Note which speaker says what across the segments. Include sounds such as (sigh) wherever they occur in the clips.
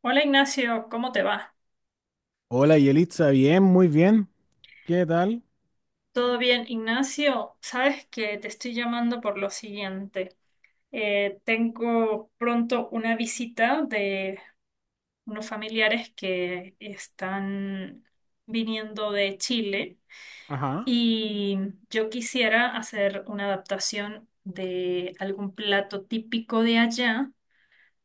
Speaker 1: Hola Ignacio, ¿cómo te va?
Speaker 2: Hola Yelitza, bien, muy bien. ¿Qué tal?
Speaker 1: ¿Todo bien, Ignacio? Sabes que te estoy llamando por lo siguiente. Tengo pronto una visita de unos familiares que están viniendo de Chile
Speaker 2: Ajá.
Speaker 1: y yo quisiera hacer una adaptación de algún plato típico de allá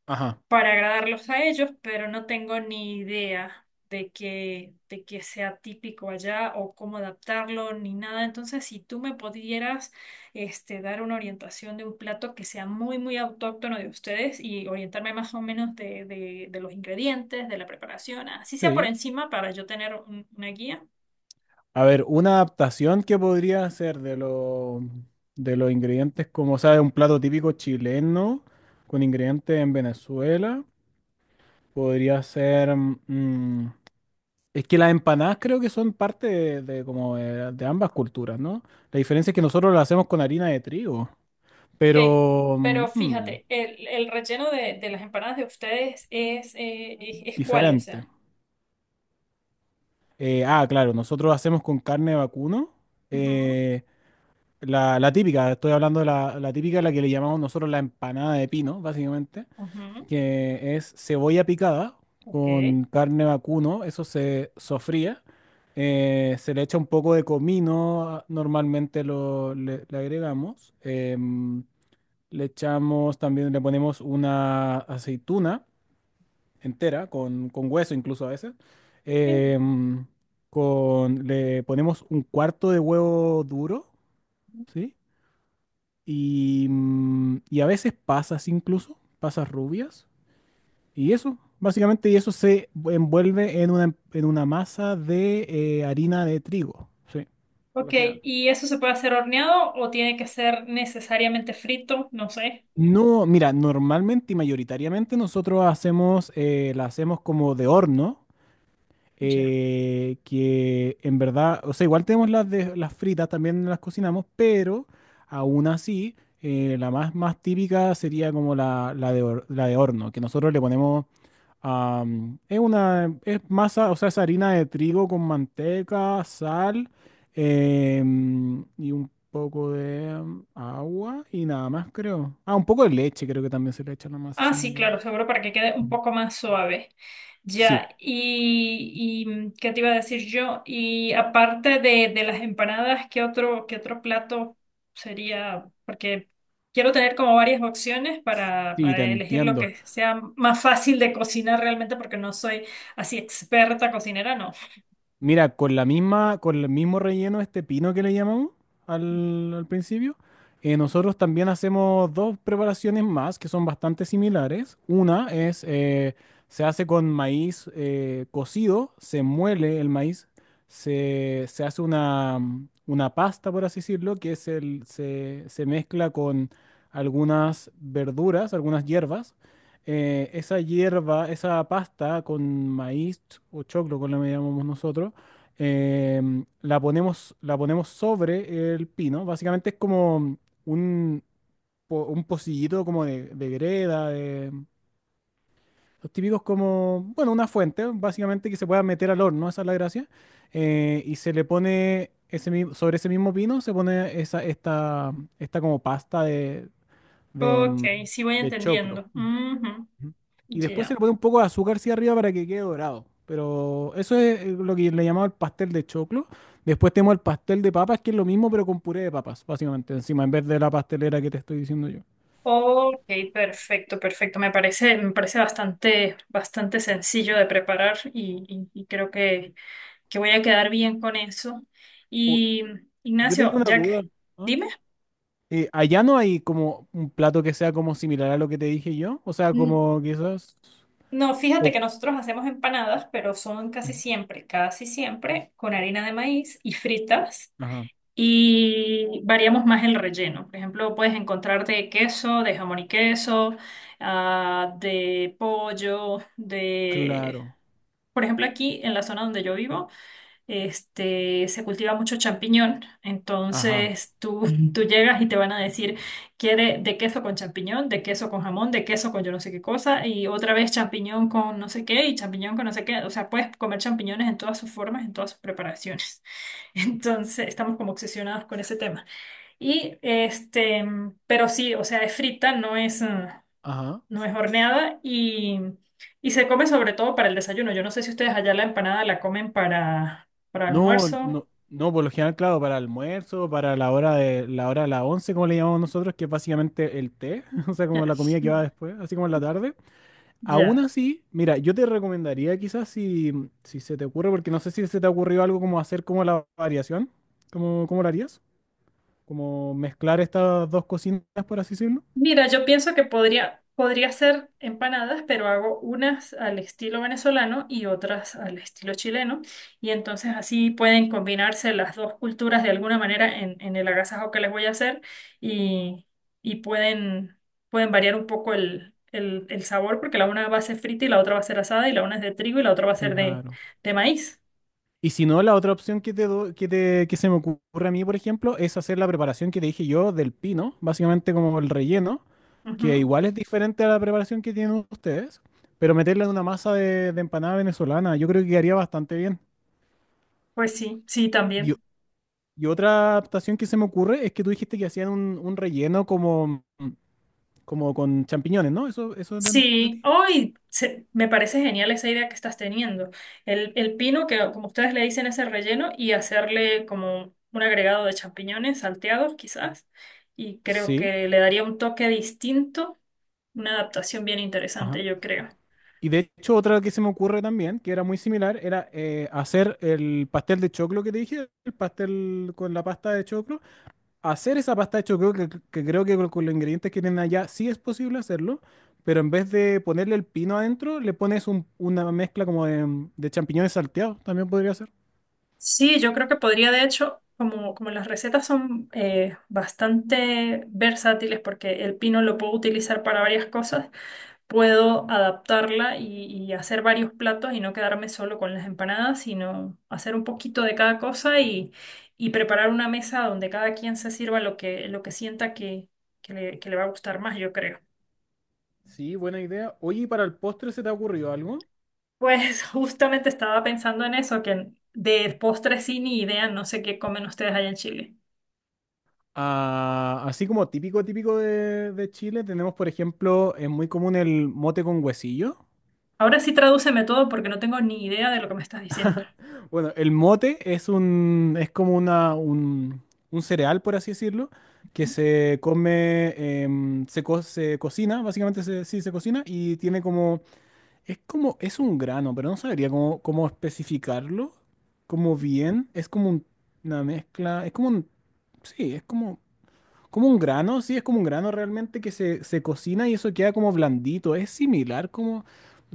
Speaker 2: Ajá.
Speaker 1: para agradarlos a ellos, pero no tengo ni idea de que sea típico allá o cómo adaptarlo ni nada. Entonces, si tú me pudieras dar una orientación de un plato que sea muy, muy autóctono de ustedes y orientarme más o menos de los ingredientes, de la preparación, así sea por
Speaker 2: Sí.
Speaker 1: encima para yo tener una guía.
Speaker 2: A ver, una adaptación que podría hacer de los ingredientes, como sabe, un plato típico chileno con ingredientes en Venezuela. Podría ser. Es que las empanadas creo que son parte de como de ambas culturas, ¿no? La diferencia es que nosotros las hacemos con harina de trigo,
Speaker 1: Ok,
Speaker 2: pero
Speaker 1: pero fíjate, el relleno de las empanadas de ustedes es cuál, o
Speaker 2: diferente.
Speaker 1: sea.
Speaker 2: Claro, nosotros hacemos con carne de vacuno.
Speaker 1: Ujú,
Speaker 2: eh, la típica, estoy hablando de la típica, la que le llamamos nosotros la empanada de pino, básicamente,
Speaker 1: ujú,
Speaker 2: que es cebolla picada
Speaker 1: ok.
Speaker 2: con carne vacuno, eso se sofría, se le echa un poco de comino, normalmente le agregamos, le echamos también, le ponemos una aceituna entera, con hueso incluso a veces, em, le ponemos un cuarto de huevo duro, ¿sí? Y y a veces pasas incluso, pasas rubias. Y eso, básicamente, y eso se envuelve en una masa de harina de trigo. Sí, por
Speaker 1: Ok,
Speaker 2: lo general.
Speaker 1: ¿y eso se puede hacer horneado o tiene que ser necesariamente frito? No sé.
Speaker 2: No, mira, normalmente y mayoritariamente nosotros hacemos, la hacemos como de horno,
Speaker 1: Ya.
Speaker 2: que en verdad, o sea, igual tenemos las, de, las fritas, también las cocinamos, pero aún así, la más, más típica sería como la la de horno, que nosotros le ponemos. Es una, es masa, o sea, es harina de trigo con manteca, sal, y un poco de agua y nada más, creo. Ah, un poco de leche, creo que también se le echa a la masa,
Speaker 1: Ah,
Speaker 2: si no me
Speaker 1: sí,
Speaker 2: equivoco.
Speaker 1: claro, seguro para que quede un
Speaker 2: Ujú.
Speaker 1: poco más suave.
Speaker 2: Sí,
Speaker 1: Ya, ¿qué te iba a decir yo? Y aparte de las empanadas, ¿qué otro plato sería? Porque quiero tener como varias opciones para,
Speaker 2: sí, te
Speaker 1: para elegir lo
Speaker 2: entiendo.
Speaker 1: que sea más fácil de cocinar realmente, porque no soy así experta cocinera, no.
Speaker 2: Mira, con la misma, con el mismo relleno, este pino que le llamamos al principio, nosotros también hacemos dos preparaciones más que son bastante similares. Una es, se hace con maíz cocido, se muele el maíz, se hace una pasta, por así decirlo, que es el, se mezcla con algunas verduras, algunas hierbas. Esa hierba, esa pasta con maíz o choclo, como le llamamos nosotros, la ponemos sobre el pino. Básicamente es como un, un pocillito como de greda, de, los típicos como, bueno, una fuente, básicamente que se pueda meter al horno, esa es la gracia. Y se le pone ese, sobre ese mismo pino, se pone esa, esta como pasta de, de,
Speaker 1: Ok,
Speaker 2: mm,
Speaker 1: sí voy
Speaker 2: de choclo.
Speaker 1: entendiendo. Ujú,
Speaker 2: Ujú. Y después se le
Speaker 1: ya.
Speaker 2: pone un poco de azúcar hacia arriba para que quede dorado. Pero eso es lo que le llamaba el pastel de choclo. Después tenemos el pastel de papas, que es lo mismo, pero con puré de papas, básicamente, encima, en vez de la pastelera que te estoy diciendo yo.
Speaker 1: Ok, perfecto, perfecto. Me parece bastante, bastante sencillo de preparar y, y creo que voy a quedar bien con eso.
Speaker 2: O-
Speaker 1: Y
Speaker 2: yo tenía
Speaker 1: Ignacio,
Speaker 2: una duda.
Speaker 1: Jack,
Speaker 2: ¿Ah?
Speaker 1: dime.
Speaker 2: ¿Allá no hay como un plato que sea como similar a lo que te dije yo? O sea,
Speaker 1: N-
Speaker 2: como quizás...
Speaker 1: No, fíjate
Speaker 2: o-
Speaker 1: que nosotros hacemos empanadas, pero son casi siempre con harina de maíz y fritas.
Speaker 2: Ajá,
Speaker 1: Y variamos más el relleno. Por ejemplo, puedes encontrar de queso, de jamón y queso, ah, de pollo, de
Speaker 2: claro.
Speaker 1: Por ejemplo, aquí en la zona donde yo vivo, se cultiva mucho champiñón.
Speaker 2: Ajá,
Speaker 1: Entonces tú, ujú, tú llegas y te van a decir, quiere de queso con champiñón, de queso con jamón, de queso con yo no sé qué cosa, y otra vez champiñón con no sé qué y champiñón con no sé qué. O sea, puedes comer champiñones en todas sus formas, en todas sus preparaciones. (laughs) Entonces estamos como obsesionados con ese tema. Y pero sí, o sea, es frita, no es,
Speaker 2: ajá.
Speaker 1: no es horneada y, se come sobre todo para el desayuno. Yo no sé si ustedes allá la empanada la comen para
Speaker 2: No,
Speaker 1: almuerzo.
Speaker 2: no, no, por lo general, claro, para almuerzo, para la hora de las once, como le llamamos nosotros, que es básicamente el té, (laughs) o sea,
Speaker 1: Ya.
Speaker 2: como la
Speaker 1: (laughs)
Speaker 2: comida que va después, así como en la tarde. Aún
Speaker 1: Ya.
Speaker 2: así, mira, yo te recomendaría quizás si, si se te ocurre, porque no sé si se te ha ocurrido algo como hacer como la variación, como, ¿cómo lo harías? Como mezclar estas dos cocinas, por así decirlo.
Speaker 1: Mira, yo pienso que podría hacer empanadas, pero hago unas al estilo venezolano y otras al estilo chileno. Y entonces así pueden combinarse las dos culturas de alguna manera en el agasajo que les voy a hacer y, y pueden, pueden variar un poco el sabor porque la una va a ser frita y la otra va a ser asada y la una es de trigo y la otra va a ser de,
Speaker 2: Claro.
Speaker 1: de maíz.
Speaker 2: Y si no, la otra opción que te do- que te- que se me ocurre a mí, por ejemplo, es hacer la preparación que te dije yo del pino, básicamente como el relleno. Que
Speaker 1: Ujú.
Speaker 2: igual es diferente a la preparación que tienen ustedes, pero meterla en una masa de empanada venezolana, yo creo que quedaría bastante bien.
Speaker 1: Pues sí, sí,
Speaker 2: Y
Speaker 1: también.
Speaker 2: otra adaptación que se me ocurre es que tú dijiste que hacían un relleno como, como con champiñones, ¿no? Eso entendí.
Speaker 1: Sí, me parece genial esa idea que estás teniendo. El pino, que como ustedes le dicen, es el relleno, y hacerle como un agregado de champiñones salteados, quizás. Y creo
Speaker 2: Sí,
Speaker 1: que le daría un toque distinto, una adaptación bien interesante,
Speaker 2: ajá.
Speaker 1: yo creo.
Speaker 2: Y de hecho, otra que se me ocurre también, que era muy similar, era hacer el pastel de choclo que te dije, el pastel con la pasta de choclo, hacer esa pasta de hecho creo que creo que con los ingredientes que tienen allá sí es posible hacerlo, pero en vez de ponerle el pino adentro, le pones una mezcla como de champiñones salteados, también podría ser.
Speaker 1: Sí, yo creo que podría, de hecho, como las recetas son bastante versátiles, porque el pino lo puedo utilizar para varias cosas, puedo adaptarla y, hacer varios platos y no quedarme solo con las empanadas, sino hacer un poquito de cada cosa y, preparar una mesa donde cada quien se sirva lo que sienta que le va a gustar más, yo creo.
Speaker 2: Sí, buena idea. Oye, ¿y para el postre se te ha ocurrido algo?
Speaker 1: Pues (laughs) justamente estaba pensando en eso, que de postres sí ni idea, no sé qué comen ustedes allá en Chile.
Speaker 2: Ah, así como típico, típico de Chile, tenemos, por ejemplo, es muy común el mote con huesillo.
Speaker 1: Ahora sí tradúceme todo porque no tengo ni idea de lo que me estás diciendo.
Speaker 2: Bueno, el mote es un, es como una, un cereal, por así decirlo, que se come, se cocina, básicamente sí se cocina y tiene como, es un grano, pero no sabría cómo, cómo especificarlo, como bien, es como una mezcla, es como un, sí, es como, como un grano, sí, es como un grano realmente que se cocina y eso queda como blandito. Es similar como...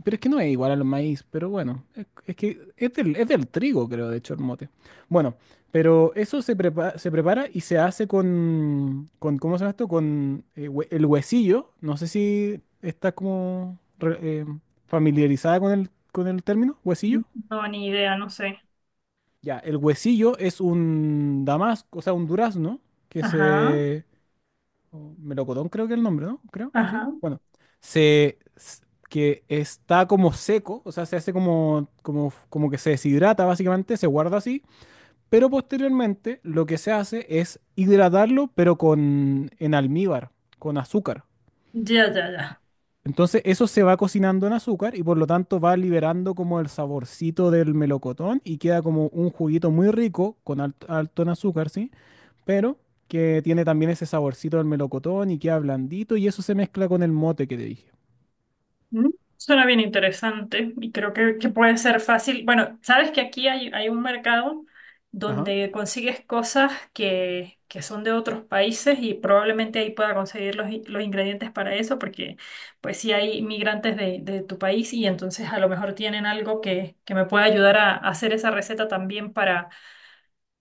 Speaker 2: Pero es que no es igual al maíz, pero bueno, es que es del trigo, creo, de hecho, el mote. Bueno, pero eso se prepara y se hace con, ¿cómo se llama esto? Con el huesillo. No sé si está como familiarizada con el término, huesillo.
Speaker 1: No, ni idea, no sé.
Speaker 2: Ya, el huesillo es un damasco, o sea, un durazno que
Speaker 1: Ajá,
Speaker 2: se, o melocotón creo que es el nombre, ¿no? Creo, sí.
Speaker 1: ajá.
Speaker 2: Bueno, se, s- que está como seco, o sea, se hace como, como, como que se deshidrata básicamente, se guarda así, pero posteriormente lo que se hace es hidratarlo, pero con, en almíbar, con azúcar.
Speaker 1: Ya, ya, ya.
Speaker 2: Entonces eso se va cocinando en azúcar y por lo tanto va liberando como el saborcito del melocotón y queda como un juguito muy rico con alto en azúcar, ¿sí? Pero que tiene también ese saborcito del melocotón y queda blandito y eso se mezcla con el mote que te dije.
Speaker 1: Mm, Suena bien interesante y creo que puede ser fácil. Bueno, sabes que aquí hay un mercado
Speaker 2: Ajá,
Speaker 1: donde consigues cosas que son de otros países y probablemente ahí pueda conseguir los ingredientes para eso porque pues si hay migrantes de tu país y entonces a lo mejor tienen algo que me pueda ayudar a hacer esa receta también para,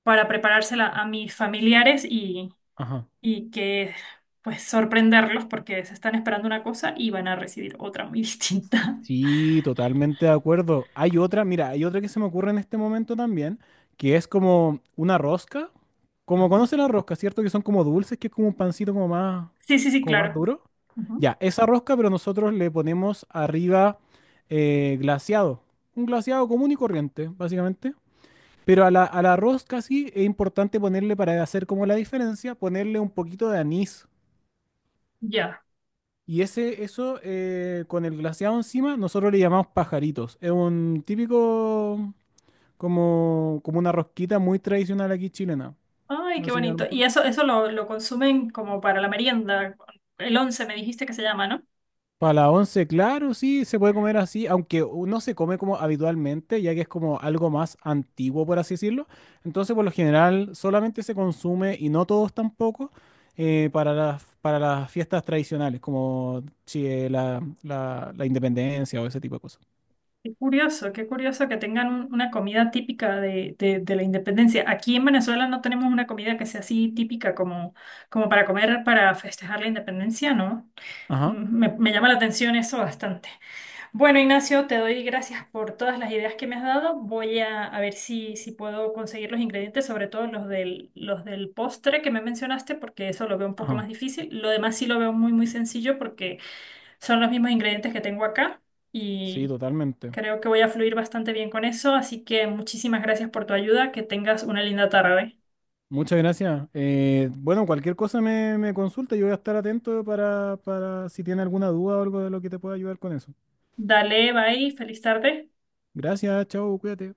Speaker 1: para preparársela a mis familiares y,
Speaker 2: ajá.
Speaker 1: que pues sorprenderlos porque se están esperando una cosa y van a recibir otra muy (laughs) distinta.
Speaker 2: Sí, totalmente de acuerdo. Hay otra, mira, hay otra que se me ocurre en este momento también, que es como una rosca. Como
Speaker 1: Ajá.
Speaker 2: conocen la rosca, ¿cierto? Que son como dulces, que es como un pancito
Speaker 1: Sí, sí, sí,
Speaker 2: como más
Speaker 1: claro.
Speaker 2: duro.
Speaker 1: Ujú.
Speaker 2: Ya, esa rosca, pero nosotros le ponemos arriba glaseado. Un glaseado común y corriente, básicamente. Pero a a la rosca sí es importante ponerle, para hacer como la diferencia, ponerle un poquito de anís.
Speaker 1: Ya.
Speaker 2: Y ese, eso, con el glaseado encima, nosotros le llamamos pajaritos. Es un típico, como, como una rosquita muy tradicional aquí chilena.
Speaker 1: Ay, qué
Speaker 2: Así a lo
Speaker 1: bonito. Y
Speaker 2: mejor.
Speaker 1: eso lo consumen como para la merienda. El once me dijiste que se llama, ¿no?
Speaker 2: Para la once, claro, sí, se puede comer así, aunque no se come como habitualmente, ya que es como algo más antiguo, por así decirlo. Entonces, por lo general, solamente se consume, y no todos tampoco, para las fiestas tradicionales, como la, la independencia o ese tipo de cosas.
Speaker 1: Qué curioso que tengan una comida típica de la independencia. Aquí en Venezuela no tenemos una comida que sea así típica como para comer, para festejar la independencia, ¿no?
Speaker 2: Ajá,
Speaker 1: Me llama la atención eso bastante. Bueno, Ignacio, te doy gracias por todas las ideas que me has dado. Voy a ver si puedo conseguir los ingredientes, sobre todo los del postre que me mencionaste, porque eso lo veo un poco más
Speaker 2: ajá.
Speaker 1: difícil. Lo demás sí lo veo muy, muy sencillo porque son los mismos ingredientes que tengo acá
Speaker 2: Sí,
Speaker 1: y
Speaker 2: totalmente.
Speaker 1: creo que voy a fluir bastante bien con eso. Así que muchísimas gracias por tu ayuda. Que tengas una linda tarde.
Speaker 2: Muchas gracias. Bueno, cualquier cosa me, me consulta, yo voy a estar atento para si tiene alguna duda o algo de lo que te pueda ayudar con eso.
Speaker 1: Dale, bye, feliz tarde.
Speaker 2: Gracias, chao, cuídate.